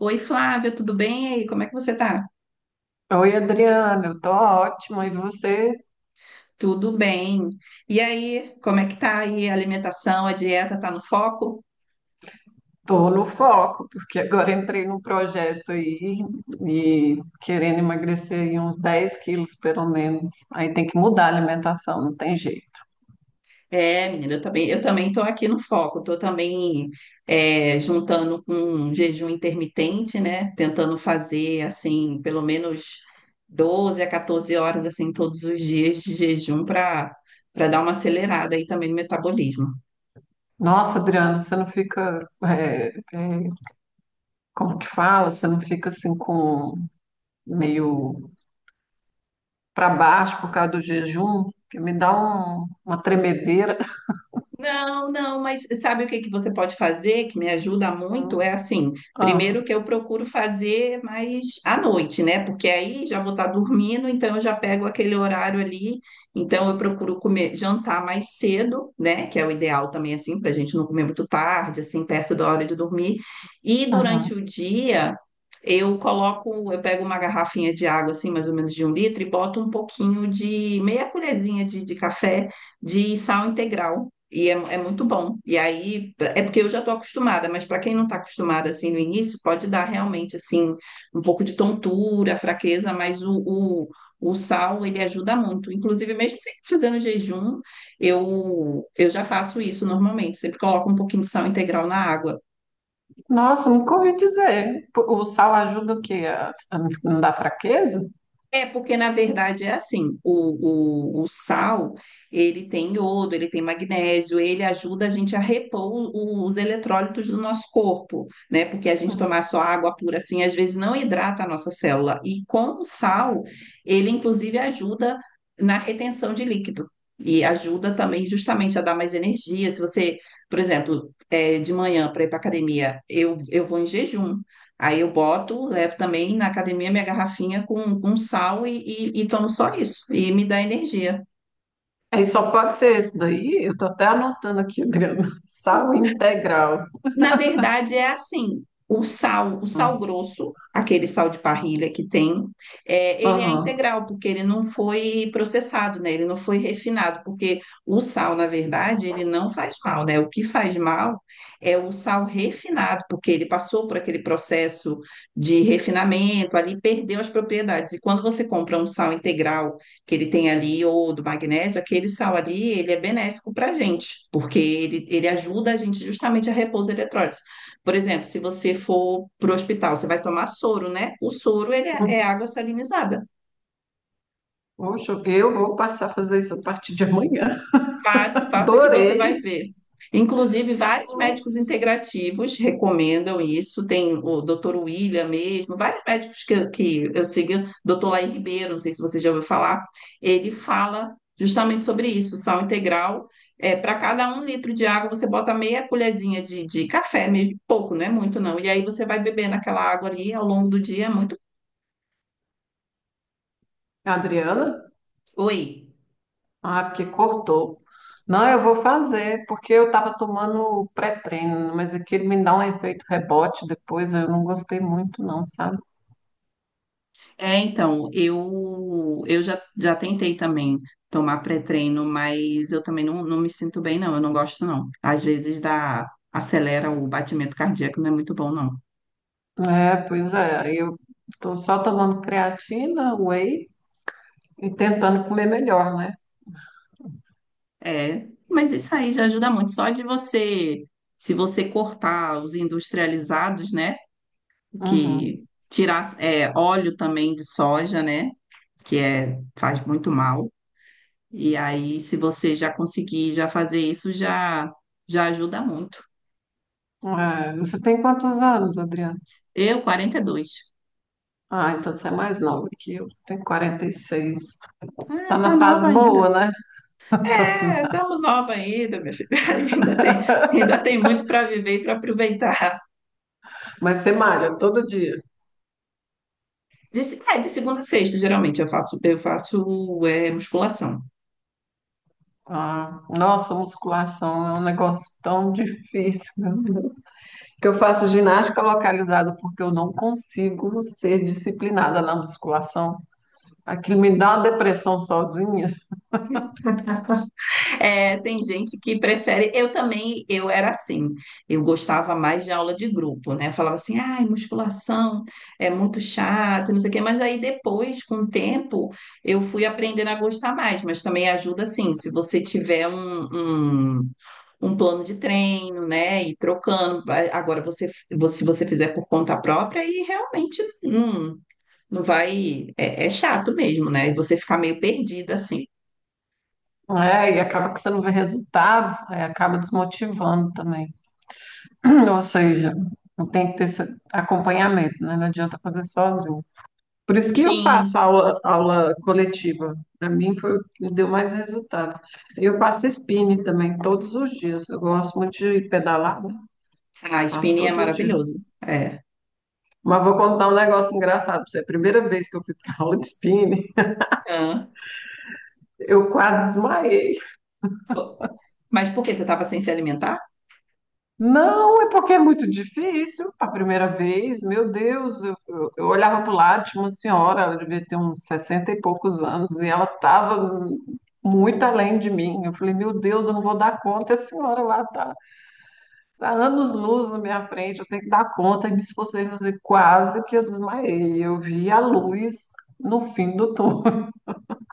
Oi, Flávia, tudo bem? E aí, como é que você tá? Oi, Adriana, eu tô ótima. E você? Tudo bem. E aí, como é que tá aí a alimentação, a dieta tá no foco? Tô no foco, porque agora entrei num projeto aí e querendo emagrecer aí uns 10 quilos, pelo menos. Aí tem que mudar a alimentação, não tem jeito. É, menina, eu também tô aqui no foco, tô também juntando com um jejum intermitente, né? Tentando fazer, assim, pelo menos 12 a 14 horas, assim, todos os dias de jejum para dar uma acelerada aí também no metabolismo. Nossa, Adriana, você não fica, como que fala? Você não fica assim com meio pra baixo por causa do jejum? Que me dá uma tremedeira. Não, não, mas sabe o que que você pode fazer que me ajuda muito? É assim, Ah, primeiro que eu procuro fazer mais à noite, né? Porque aí já vou estar dormindo, então eu já pego aquele horário ali, então eu procuro comer, jantar mais cedo, né? Que é o ideal também, assim, para a gente não comer muito tarde, assim, perto da hora de dormir. E durante uhum. o dia. Eu coloco, eu pego uma garrafinha de água, assim, mais ou menos de um litro, e boto um pouquinho de meia colherzinha de café de sal integral. É muito bom. E aí, é porque eu já estou acostumada, mas para quem não está acostumada assim no início, pode dar realmente assim um pouco de tontura, fraqueza, mas o sal ele ajuda muito. Inclusive, mesmo sempre fazendo jejum, eu já faço isso normalmente. Sempre coloco um pouquinho de sal integral na água. Nossa, nunca ouvi dizer. O sal ajuda o quê? A não dar fraqueza? É, porque na verdade é assim, o sal, ele tem iodo, ele tem magnésio, ele ajuda a gente a repor os eletrólitos do nosso corpo, né? Porque a gente Hum. tomar só água pura assim, às vezes não hidrata a nossa célula. E com o sal, ele inclusive ajuda na retenção de líquido. E ajuda também justamente a dar mais energia. Se você, por exemplo, de manhã para ir para academia, eu vou em jejum. Aí eu boto, levo também na academia minha garrafinha com sal e tomo só isso, e me dá energia. Aí só pode ser esse daí. Eu tô até anotando aqui, Adriana. Sal integral. Na verdade, é assim: o sal Hum. grosso, aquele sal de parrilha que tem, ele é Aham. integral, porque ele não foi processado, né? Ele não foi refinado, porque o sal, na verdade, ele não faz mal, né? O que faz mal é o sal refinado, porque ele passou por aquele processo de refinamento, ali perdeu as propriedades. E quando você compra um sal integral, que ele tem ali, ou do magnésio, aquele sal ali, ele é benéfico para a gente, porque ele ajuda a gente justamente a repor os eletrólitos. Por exemplo, se você for para o hospital, você vai tomar soro, né? O soro, ele é Hum. água salinizada. Poxa, eu vou passar a fazer isso a partir de amanhã. Faça, faça que você vai Adorei. ver. Inclusive, vários médicos Nossa. integrativos recomendam isso. Tem o Dr. William mesmo, vários médicos que eu sigo, Dr. Laí Ribeiro, não sei se você já ouviu falar, ele fala justamente sobre isso, sal integral. É, para cada um litro de água, você bota meia colherzinha de café mesmo, pouco, não é muito não. E aí você vai bebendo aquela água ali ao longo do dia, é muito. Adriana? Oi. Ah, porque cortou. Não, eu vou fazer, porque eu estava tomando pré-treino, mas aquele me dá um efeito rebote depois, eu não gostei muito, não, sabe? É, então, eu já tentei também tomar pré-treino, mas eu também não, não me sinto bem, não. Eu não gosto, não. Às vezes dá, acelera o batimento cardíaco, não é muito bom, não. É, pois é. Eu tô só tomando creatina, whey e tentando comer melhor, né? É, mas isso aí já ajuda muito. Só de você, se você cortar os industrializados, né? Uhum. Que tirar, óleo também de soja, né? Que faz muito mal. E aí, se você já conseguir já fazer isso, já, ajuda muito. É, você tem quantos anos, Adriana? Eu, 42. Ah, então você é mais nova que eu. Tenho 46. Ah, Tá tá na fase nova ainda. boa, né? É, estamos nova ainda, minha filha. Ainda tem muito para viver e para aproveitar. Mas você malha todo dia. De, se- é, de segunda a sexta, geralmente eu faço musculação. Ah, nossa, musculação é um negócio tão difícil, meu Deus. Que eu faço ginástica localizada porque eu não consigo ser disciplinada na musculação. Aquilo me dá uma depressão sozinha. É, tem gente que prefere. Eu também, eu era assim. Eu gostava mais de aula de grupo, né? Eu falava assim, ai, musculação é muito chato, não sei o quê. Mas aí depois, com o tempo, eu fui aprendendo a gostar mais. Mas também ajuda, assim, se você tiver um, um um plano de treino, né? E trocando. Agora, se você fizer por conta própria, aí realmente não, não vai. É chato mesmo, né? E você ficar meio perdida assim. É, e acaba que você não vê resultado, aí acaba desmotivando também. Ou seja, tem que ter esse acompanhamento, né? Não adianta fazer sozinho. Por isso que eu faço Sim. aula, aula coletiva. Para mim foi o que deu mais resultado. Eu faço spinning também todos os dias. Eu gosto muito de pedalar, né? A Faço spinning é todo dia. maravilhoso. É. Mas vou contar um negócio engraçado para você. A primeira vez que eu fui para aula de spinning, Hã? eu quase desmaiei. Fo- Mas por que você estava sem se alimentar? Não, é porque é muito difícil a primeira vez. Meu Deus, eu olhava para o lado, tinha uma senhora, ela devia ter uns 60 e poucos anos, e ela estava muito além de mim. Eu falei, meu Deus, eu não vou dar conta. A senhora lá está tá anos-luz na minha frente, eu tenho que dar conta. E me esforcei, mas eu quase que eu desmaiei. Eu vi a luz no fim do túnel.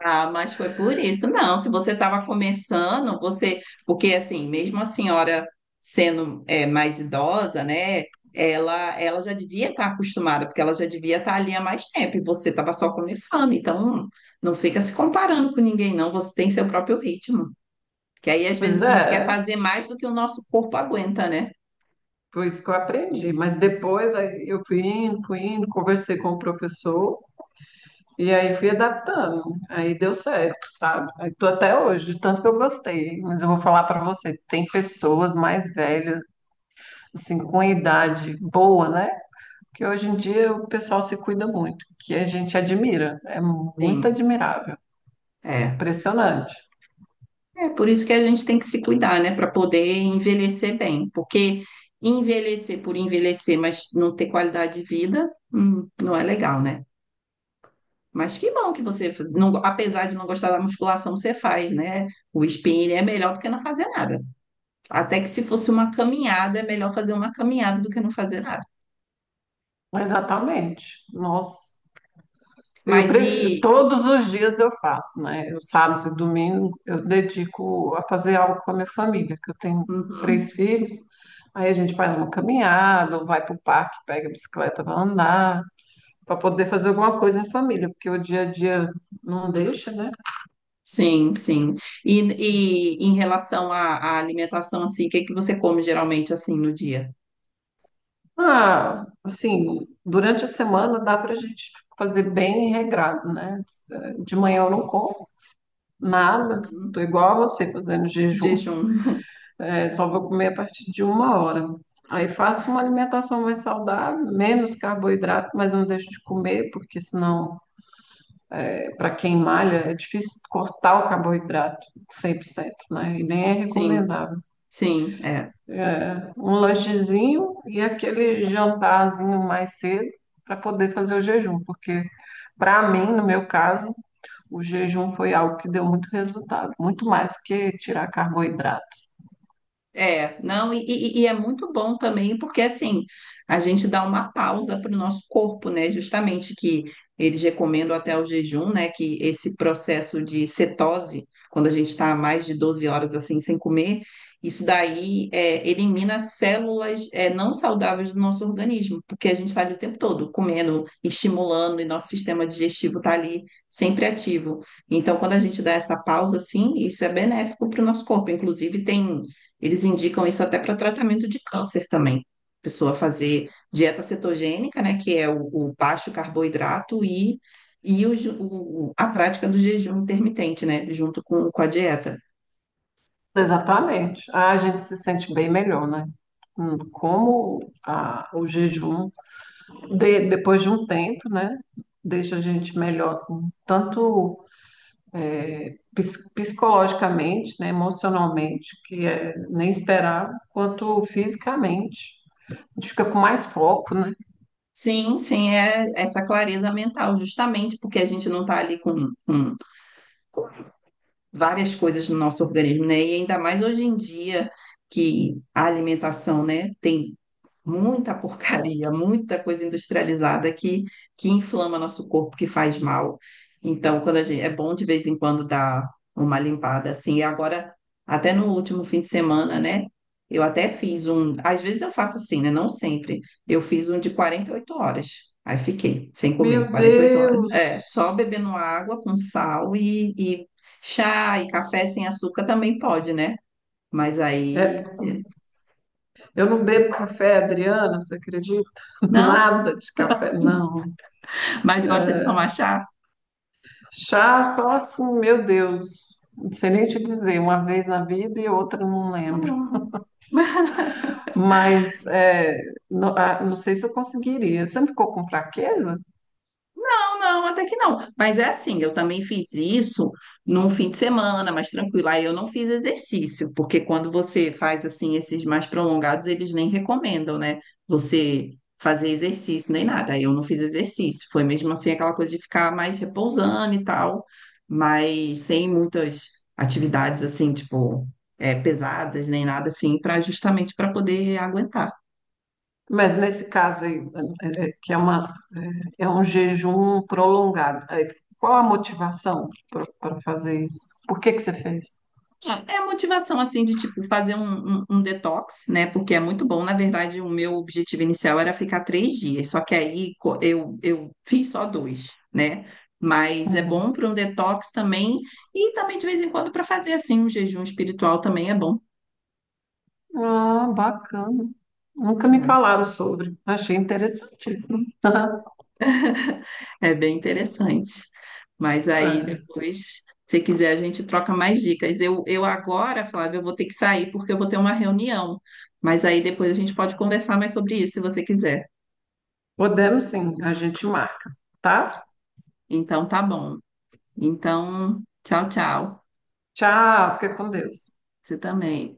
Ah, mas foi por isso. Não, se você estava começando, você. Porque, assim, mesmo a senhora sendo mais idosa, né? Ela já devia estar acostumada, porque ela já devia estar ali há mais tempo, e você estava só começando. Então, não fica se comparando com ninguém, não. Você tem seu próprio ritmo. Que aí, às Pois vezes, a gente quer é, fazer mais do que o nosso corpo aguenta, né? foi isso que eu aprendi. Mas depois aí, eu fui indo, conversei com o professor. E aí fui adaptando, aí deu certo, sabe? Aí tô até hoje, tanto que eu gostei. Mas eu vou falar para você, tem pessoas mais velhas, assim, com idade boa, né? Que hoje em dia o pessoal se cuida muito, que a gente admira, é muito Sim, admirável, é. impressionante. É por isso que a gente tem que se cuidar, né, para poder envelhecer bem, porque envelhecer por envelhecer, mas não ter qualidade de vida, não é legal, né? Mas que bom que você, não- apesar de não gostar da musculação, você faz, né? O spinning é melhor do que não fazer nada. Até que se fosse uma caminhada, é melhor fazer uma caminhada do que não fazer nada. Exatamente. Nossa. Eu Mas prefiro, e. todos os dias eu faço, né? Os sábados e domingo eu dedico a fazer algo com a minha família, que eu tenho Uhum. três filhos. Aí a gente vai numa caminhada, ou vai para o parque, pega a bicicleta para andar, para poder fazer alguma coisa em família, porque o dia a dia não deixa, né? Sim, sim. E, e em relação à alimentação, assim, o que que você come geralmente, assim, no dia? Ah, assim, durante a semana dá para a gente fazer bem regrado, né? De manhã eu não como nada, tô Hum, igual a você fazendo jejum. Jejum. É, só vou comer a partir de 1 hora. Aí faço uma alimentação mais saudável, menos carboidrato, mas eu não deixo de comer, porque senão, para quem malha, é difícil cortar o carboidrato 100%, né? E nem é Sim, recomendável. sim, é. É, um lanchezinho e aquele jantarzinho mais cedo para poder fazer o jejum, porque para mim, no meu caso, o jejum foi algo que deu muito resultado, muito mais do que tirar carboidrato. É, não, e é muito bom também, porque assim, a gente dá uma pausa para o nosso corpo, né? Justamente que eles recomendam até o jejum, né? Que esse processo de cetose, quando a gente está mais de 12 horas assim sem comer, isso daí elimina células não saudáveis do nosso organismo, porque a gente está ali o tempo todo comendo, estimulando, e nosso sistema digestivo está ali sempre ativo. Então, quando a gente dá essa pausa, assim, isso é benéfico para o nosso corpo. Inclusive, tem. Eles indicam isso até para tratamento de câncer também. Pessoa fazer dieta cetogênica, né, que é o baixo carboidrato e a prática do jejum intermitente, né, junto com a dieta. Exatamente. Ah, a gente se sente bem melhor, né? Como o jejum, depois de um tempo, né, deixa a gente melhor, assim, tanto psicologicamente, né, emocionalmente, que é nem esperar, quanto fisicamente. A gente fica com mais foco, né? Sim, sim, é essa clareza mental, justamente porque a gente não está ali com, várias coisas no nosso organismo, né? E ainda mais hoje em dia que a alimentação, né, tem muita porcaria, muita coisa industrializada que inflama nosso corpo, que faz mal. Então, quando a gente, é bom de vez em quando dar uma limpada assim. E agora, até no último fim de semana, né? Eu até fiz um, às vezes eu faço assim, né? Não sempre. Eu fiz um de 48 horas. Aí fiquei sem comer Meu 48 horas. É, só Deus! bebendo água com sal e chá e café sem açúcar também pode, né? Mas É, aí. eu não bebo café, Adriana, você acredita? Não? Nada de café, não. Mas gosta de tomar chá? Chá só assim, meu Deus. Não sei nem te dizer, uma vez na vida e outra não Ah, eu lembro. amo. Mas é, ah, não, sei se eu conseguiria. Você não ficou com fraqueza? Não, não, até que não. Mas é assim, eu também fiz isso num fim de semana, mais tranquilo. Aí eu não fiz exercício, porque quando você faz assim esses mais prolongados, eles nem recomendam, né? Você fazer exercício nem nada. Aí eu não fiz exercício. Foi mesmo assim aquela coisa de ficar mais repousando e tal, mas sem muitas atividades assim, tipo, pesadas nem nada assim, para justamente para poder aguentar. Mas nesse caso aí, é, é, que é, uma, um jejum prolongado, aí, qual a motivação para fazer isso? Por que que você fez? É a motivação, assim, de, tipo, fazer um detox, né? Porque é muito bom. Na verdade, o meu objetivo inicial era ficar 3 dias, só que aí eu fiz só dois, né? Mas é Uhum. bom para um detox também. E também, de vez em quando, para fazer, assim, um jejum espiritual também é bom. Ah, bacana. Nunca me É, falaram sobre. Achei interessantíssimo. é bem interessante. Mas aí, É, depois, se quiser, a gente troca mais dicas. Eu agora, Flávia, eu vou ter que sair porque eu vou ter uma reunião. Mas aí, depois, a gente pode conversar mais sobre isso, se você quiser. podemos sim, a gente marca, tá? Então tá bom. Então, tchau, tchau. Tchau, fica com Deus. Você também.